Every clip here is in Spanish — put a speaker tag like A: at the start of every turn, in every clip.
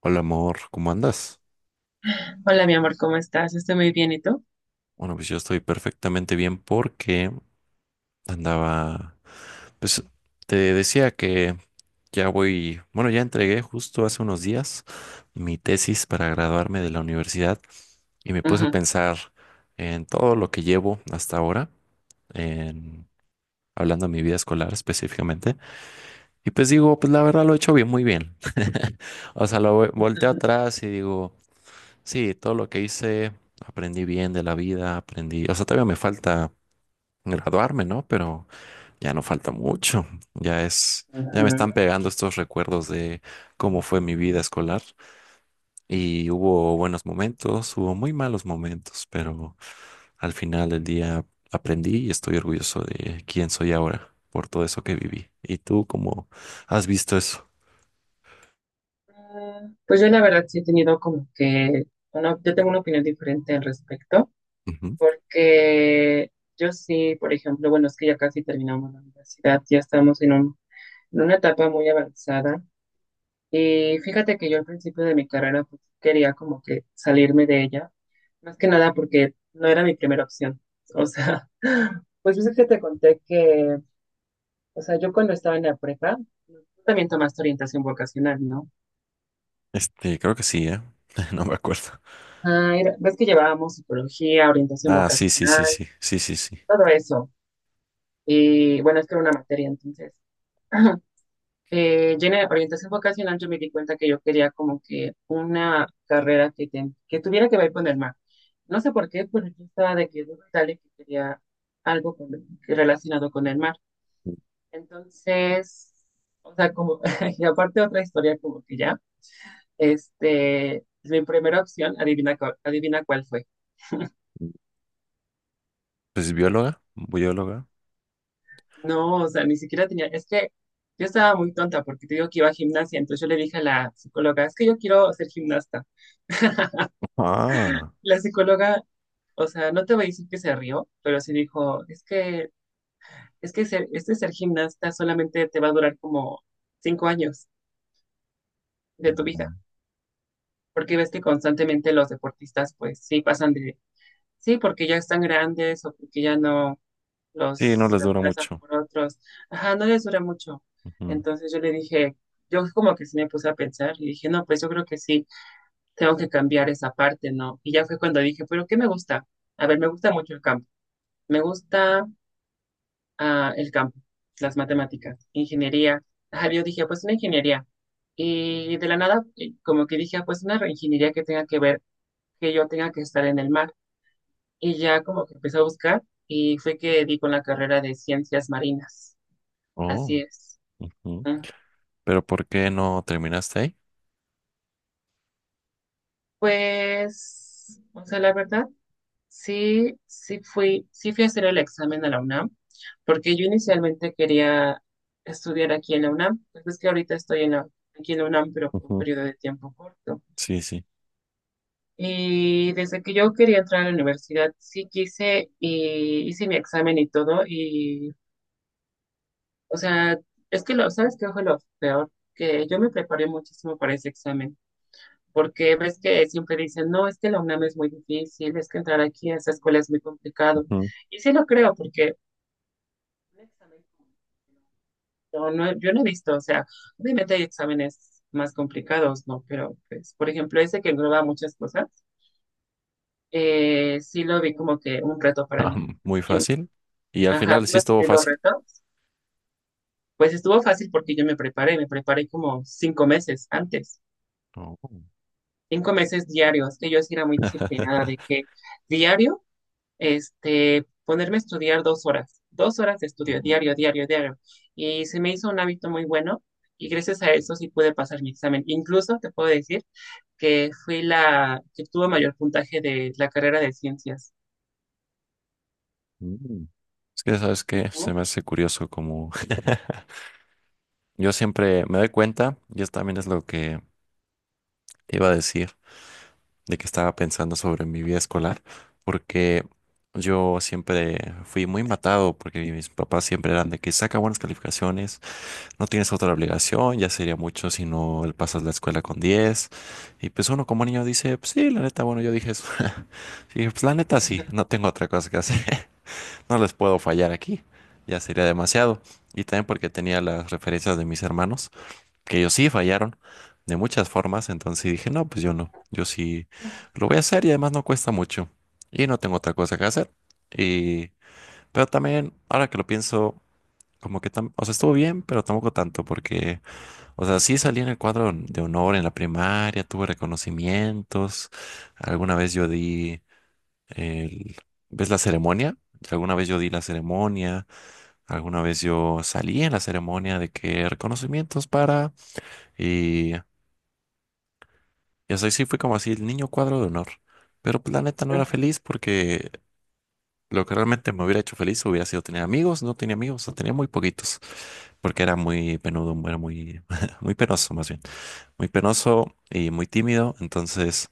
A: Hola amor, ¿cómo andas?
B: Hola, mi amor, ¿cómo estás? Estoy muy bien, ¿y tú?
A: Bueno, pues yo estoy perfectamente bien porque andaba, pues te decía que bueno, ya entregué justo hace unos días mi tesis para graduarme de la universidad y me puse a
B: Ujú.
A: pensar en todo lo que llevo hasta ahora, en, hablando de mi vida escolar específicamente, y pues digo, pues la verdad lo he hecho bien, muy bien. O sea, volteo atrás y digo... Sí, todo lo que hice, aprendí bien de la vida, aprendí, o sea, todavía me falta graduarme, ¿no? Pero ya no falta mucho, ya me
B: Ujú. Mm.
A: están pegando estos recuerdos de cómo fue mi vida escolar y hubo buenos momentos, hubo muy malos momentos, pero al final del día aprendí y estoy orgulloso de quién soy ahora por todo eso que viví. ¿Y tú cómo has visto eso?
B: Pues yo la verdad sí he tenido como que una, yo tengo una opinión diferente al respecto,
A: Ujú.
B: porque yo sí, por ejemplo, bueno, es que ya casi terminamos la universidad, ya estamos en en una etapa muy avanzada y fíjate que yo al principio de mi carrera, pues, quería como que salirme de ella, más que nada porque no era mi primera opción, o sea, pues yo sé que te conté que... O sea, yo cuando estaba en la prepa, tú también tomaste orientación vocacional, ¿no?
A: Creo que sí, ¿eh? No me acuerdo.
B: Ah, ves que llevábamos psicología, orientación
A: Ah, sí, sí,
B: vocacional,
A: sí, sí, sí, sí, sí.
B: todo eso. Y bueno, es que era una materia, entonces. Yo en la orientación vocacional yo me di cuenta que yo quería como que una carrera que, que tuviera que ver con el mar. No sé por qué, pero yo estaba de que duda y tal y que quería algo con- relacionado con el mar. Entonces, o sea, como, y aparte otra historia como que ya. Este, mi primera opción, adivina, adivina cuál fue.
A: Pues bióloga, bióloga.
B: No, o sea, ni siquiera tenía, es que yo estaba muy tonta porque te digo que iba a gimnasia, entonces yo le dije a la psicóloga, es que yo quiero ser gimnasta.
A: Ah,
B: La psicóloga, o sea, no te voy a decir que se rió, pero sí dijo, es que, es que ser gimnasta solamente te va a durar como 5 años de tu vida,
A: mm,
B: porque ves que constantemente los deportistas, pues sí, pasan de, sí, porque ya están grandes o porque ya no
A: sí, no
B: los
A: les dura
B: reemplazan
A: mucho.
B: por otros. Ajá, no les dura mucho.
A: Ujú.
B: Entonces yo le dije, yo como que sí me puse a pensar y dije, no, pues yo creo que sí, tengo que cambiar esa parte, ¿no? Y ya fue cuando dije, pero ¿qué me gusta? A ver, me gusta mucho el campo. Me gusta, el campo, las matemáticas, ingeniería. Ajá, yo dije, pues una ingeniería. Y de la nada, como que dije, ah, pues una ingeniería que tenga que ver, que yo tenga que estar en el mar. Y ya como que empecé a buscar y fue que di con la carrera de ciencias marinas.
A: Oh,
B: Así es.
A: ujú.
B: Ajá.
A: Pero ¿por qué no terminaste ahí?
B: Pues, o sea, la verdad, sí fui a hacer el examen a la UNAM, porque yo inicialmente quería estudiar aquí en la UNAM, pues es que ahorita estoy en la, aquí en la UNAM, pero por un
A: Ujú.
B: periodo de tiempo corto.
A: Sí, sí.
B: Y desde que yo quería entrar a la universidad, sí quise y hice mi examen y todo, y, o sea, es que lo, ¿sabes qué fue lo peor? Que yo me preparé muchísimo para ese examen, porque ves que siempre dicen, no, es que la UNAM es muy difícil, es que entrar aquí a esa escuela es muy complicado.
A: Ujú.
B: Y sí lo creo, porque un examen no, yo no he visto, o sea, obviamente hay exámenes más complicados, ¿no? Pero, pues, por ejemplo, ese que engloba muchas cosas, sí lo vi como que un reto para
A: Ah,
B: mí.
A: muy
B: Y
A: fácil. Y al
B: ajá,
A: final
B: ¿tú
A: sí
B: has
A: estuvo
B: tenido
A: fácil.
B: retos? Pues estuvo fácil porque yo me preparé como 5 meses antes,
A: Oh.
B: 5 meses diarios, que yo sí era muy disciplinada, de que diario, este, ponerme a estudiar 2 horas, 2 horas de estudio, diario, diario, diario. Y se me hizo un hábito muy bueno y gracias a eso sí pude pasar mi examen. Incluso te puedo decir que fui la que tuvo mayor puntaje de la carrera de ciencias.
A: Mm. Es que, ¿sabes qué?
B: Ujú,
A: Se me hace curioso como yo siempre me doy cuenta, y eso también es lo que te iba a decir, de que estaba pensando sobre mi vida escolar, porque yo siempre fui muy matado, porque mis papás siempre eran de que saca buenas calificaciones, no tienes otra obligación, ya sería mucho si no el pasas la escuela con diez. Y pues uno como niño dice, pues sí, la neta, bueno, yo dije eso. Y dije, pues la neta
B: ujú,
A: sí, no tengo otra cosa que hacer, no les puedo fallar aquí, ya sería demasiado. Y también porque tenía las referencias de mis hermanos que ellos sí fallaron de muchas formas, entonces dije, no, pues yo no, yo sí lo voy a hacer y además no cuesta mucho y no tengo otra cosa que hacer. Y pero también, ahora que lo pienso, como que, o sea, estuvo bien, pero tampoco tanto, porque, o sea, sí salí en el cuadro de honor en la primaria, tuve reconocimientos, alguna vez yo di el, ¿ves la ceremonia? Alguna vez yo di la ceremonia, alguna vez yo salí en la ceremonia de que reconocimientos para... Y Y así sí fue como así, el niño cuadro de honor. Pero pues, la neta no era feliz porque lo que realmente me hubiera hecho feliz hubiera sido tener amigos. No tenía amigos, o tenía muy poquitos. Porque era muy penudo, era muy, muy penoso más bien. Muy penoso y muy tímido. Entonces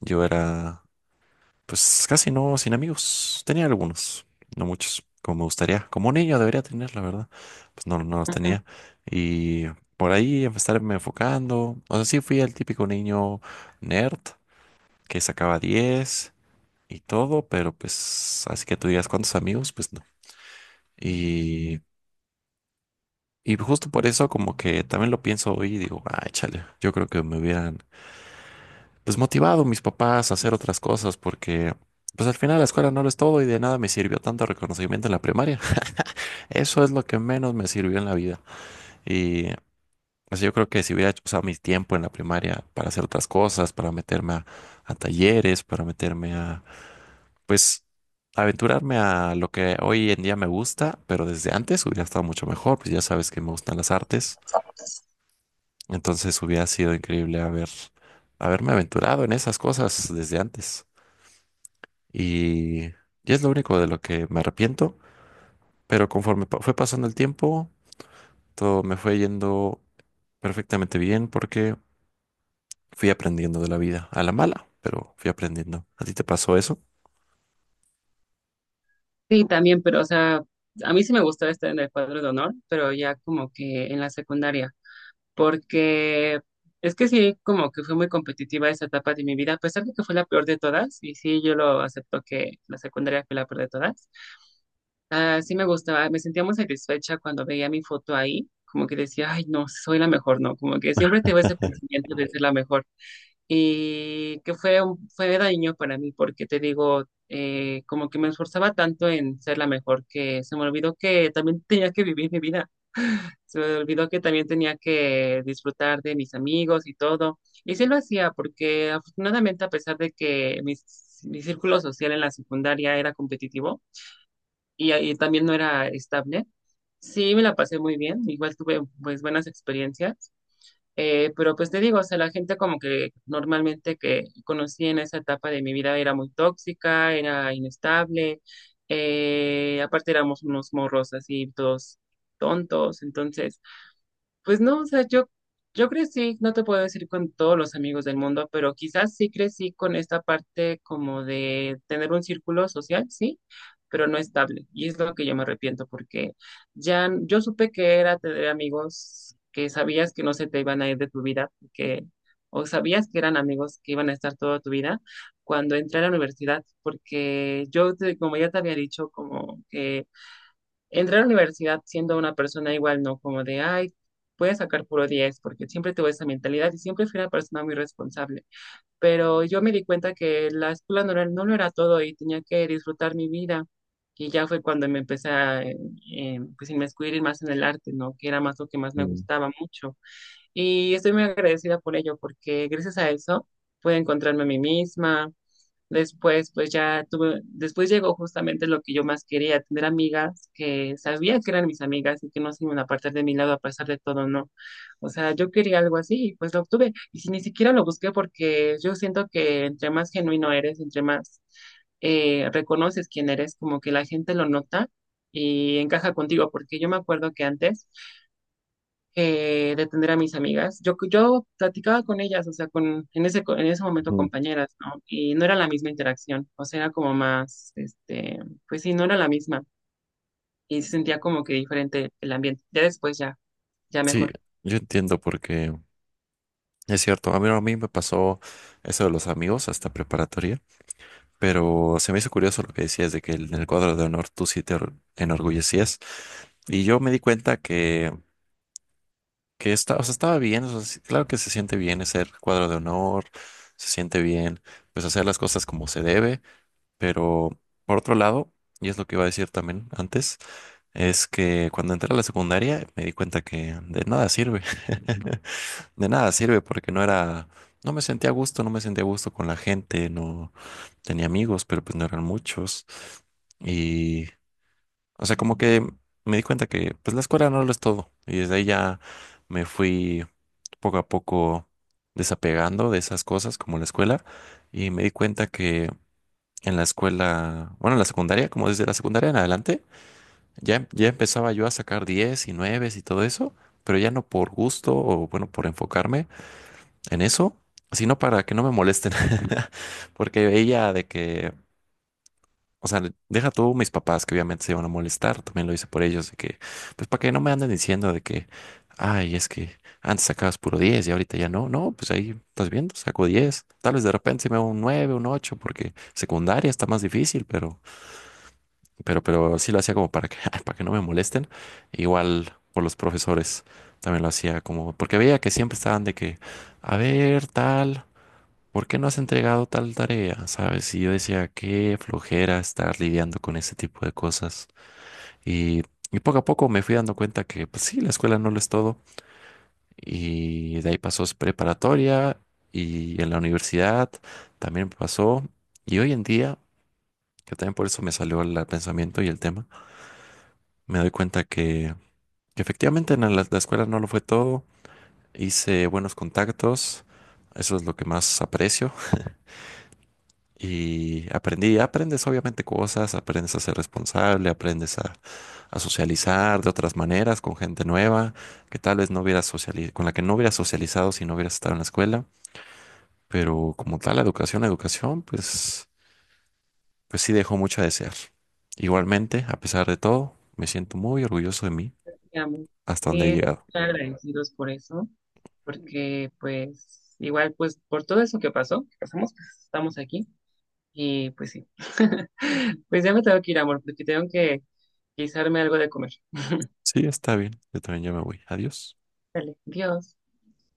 A: yo era pues casi no sin amigos. Tenía algunos, no muchos, como me gustaría. Como un niño debería tener, la verdad. Pues no, no los
B: ujú.
A: tenía. Y por ahí estarme enfocando. O sea, sí fui el típico niño nerd que sacaba 10 y todo, pero pues así que tú digas cuántos amigos, pues no. Y, y justo por eso como que también lo pienso hoy y digo, ay, chale, yo creo que me hubieran pues motivado mis papás a hacer otras cosas porque pues al final la escuela no lo es todo y de nada me sirvió tanto reconocimiento en la primaria. Eso es lo que menos me sirvió en la vida. Y pues yo creo que si hubiera usado mi tiempo en la primaria para hacer otras cosas, para meterme a talleres, para meterme a pues aventurarme a lo que hoy en día me gusta, pero desde antes hubiera estado mucho mejor, pues ya sabes que me gustan las artes, entonces hubiera sido increíble haberme aventurado en esas cosas desde antes. Y es lo único de lo que me arrepiento, pero conforme fue pasando el tiempo, todo me fue yendo perfectamente bien porque fui aprendiendo de la vida, a la mala, pero fui aprendiendo. ¿A ti te pasó eso?
B: Sí, también, pero o sea, a mí sí me gustaba estar en el cuadro de honor, pero ya como que en la secundaria, porque es que sí, como que fue muy competitiva esa etapa de mi vida, a pesar de que fue la peor de todas, y sí, yo lo acepto que la secundaria fue la peor de todas. Ah, sí me gustaba, me sentía muy satisfecha cuando veía mi foto ahí, como que decía, ay, no, soy la mejor, no, como que siempre tengo ese pensamiento de ser la mejor. Y que fue, fue daño para mí, porque te digo, como que me esforzaba tanto en ser la mejor que se me olvidó que también tenía que vivir mi vida. Se me olvidó que también tenía que disfrutar de mis amigos y todo. Y sí lo hacía porque afortunadamente a pesar de que mi círculo social en la secundaria era competitivo y también no era estable, sí me la pasé muy bien. Igual tuve pues buenas experiencias. Pero pues te digo, o sea, la gente como que normalmente que conocí en esa etapa de mi vida era muy tóxica, era inestable. Aparte éramos unos morros así, todos tontos. Entonces... Pues no, o sea, yo crecí, no te puedo decir con todos los amigos del mundo, pero quizás sí crecí con esta parte como de tener un círculo social, sí, pero no estable. Y es lo que yo me arrepiento porque yo supe que era tener amigos que sabías que no se te iban a ir de tu vida, porque o sabías que eran amigos que iban a estar toda tu vida cuando entré a la universidad, porque yo, como ya te había dicho, como que entré a la universidad siendo una persona igual, ¿no? Como de, ay, voy a sacar puro 10 porque siempre tuve esa mentalidad y siempre fui una persona muy responsable. Pero yo me di cuenta que la escuela no, no lo era todo y tenía que disfrutar mi vida. Y ya fue cuando me empecé a, pues, inmiscuir más en el arte, ¿no? Que era más lo que más me
A: Mm,
B: gustaba mucho. Y estoy muy agradecida por ello, porque gracias a eso pude encontrarme a mí misma. Después, pues ya tuve, después llegó justamente lo que yo más quería, tener amigas que sabía que eran mis amigas y que no se iban a apartar de mi lado a pesar de todo, no. O sea, yo quería algo así y pues lo obtuve. Y si ni siquiera lo busqué porque yo siento que entre más genuino eres, entre más reconoces quién eres, como que la gente lo nota y encaja contigo, porque yo me acuerdo que antes de atender a mis amigas. Yo platicaba con ellas, o sea, con, en ese momento
A: mm.
B: compañeras, ¿no? Y no era la misma interacción, o sea, era como más, este, pues sí, no era la misma. Y se sentía como que diferente el ambiente. Ya después, ya, ya
A: Sí,
B: mejor.
A: yo entiendo porque es cierto, a mí me pasó eso de los amigos hasta preparatoria, pero se me hizo curioso lo que decías de que en el cuadro de honor tú sí te enorgullecías. Y yo me di cuenta que o sea, estaba bien, o sea, sí, claro que se siente bien ser cuadro de honor, se siente bien, pues hacer las cosas como se debe, pero por otro lado, y es lo que iba a decir también antes, es que cuando entré a la secundaria me di cuenta que de nada sirve. De nada sirve porque no era, no me sentía a gusto, no me sentía a gusto con la gente, no tenía amigos, pero pues no eran muchos. Y, o sea, como que me di cuenta que pues la escuela no lo es todo. Y desde ahí ya me fui poco a poco desapegando de esas cosas como la escuela. Y me di cuenta que en la escuela, bueno, en la secundaria, como desde la secundaria en adelante, ya, ya empezaba yo a sacar 10 y 9 y todo eso, pero ya no por gusto o bueno, por enfocarme en eso, sino para que no me molesten. Porque ella de que, o sea, deja tú mis papás que obviamente se van a molestar, también lo hice por ellos, de que, pues para que no me anden diciendo de que, ay, es que antes sacabas puro 10 y ahorita ya no, no, pues ahí estás viendo, saco 10, tal vez de repente sí me hago un 9, un 8 porque secundaria está más difícil, pero sí lo hacía como para que, para que no me molesten, igual por los profesores. También lo hacía como, porque veía que siempre estaban de que, a ver, tal. ¿Por qué no has entregado tal tarea? ¿Sabes? Y yo decía, qué flojera estar lidiando con ese tipo de cosas. Y, y poco a poco me fui dando cuenta que, pues sí, la escuela no lo es todo. Y de ahí pasó es preparatoria y en la universidad también pasó. Y hoy en día, que también por eso me salió el pensamiento y el tema, me doy cuenta que efectivamente en la escuela no lo fue todo. Hice buenos contactos. Eso es lo que más aprecio. Y aprendí, aprendes obviamente cosas, aprendes a ser responsable, aprendes a socializar de otras maneras con gente nueva que tal vez no hubieras socializado, con la que no hubieras socializado si no hubieras estado en la escuela. Pero como tal, la educación, pues sí dejó mucho a desear. Igualmente, a pesar de todo, me siento muy orgulloso de mí
B: Ya,
A: hasta donde he
B: sí,
A: llegado.
B: están agradecidos por eso, porque pues igual, pues por todo eso que pasó, que pasamos, pues estamos aquí. Y pues sí, pues ya me tengo que ir, amor, porque tengo que guisarme algo de comer.
A: Sí, está bien, yo también ya me voy. Adiós.
B: Dale, adiós.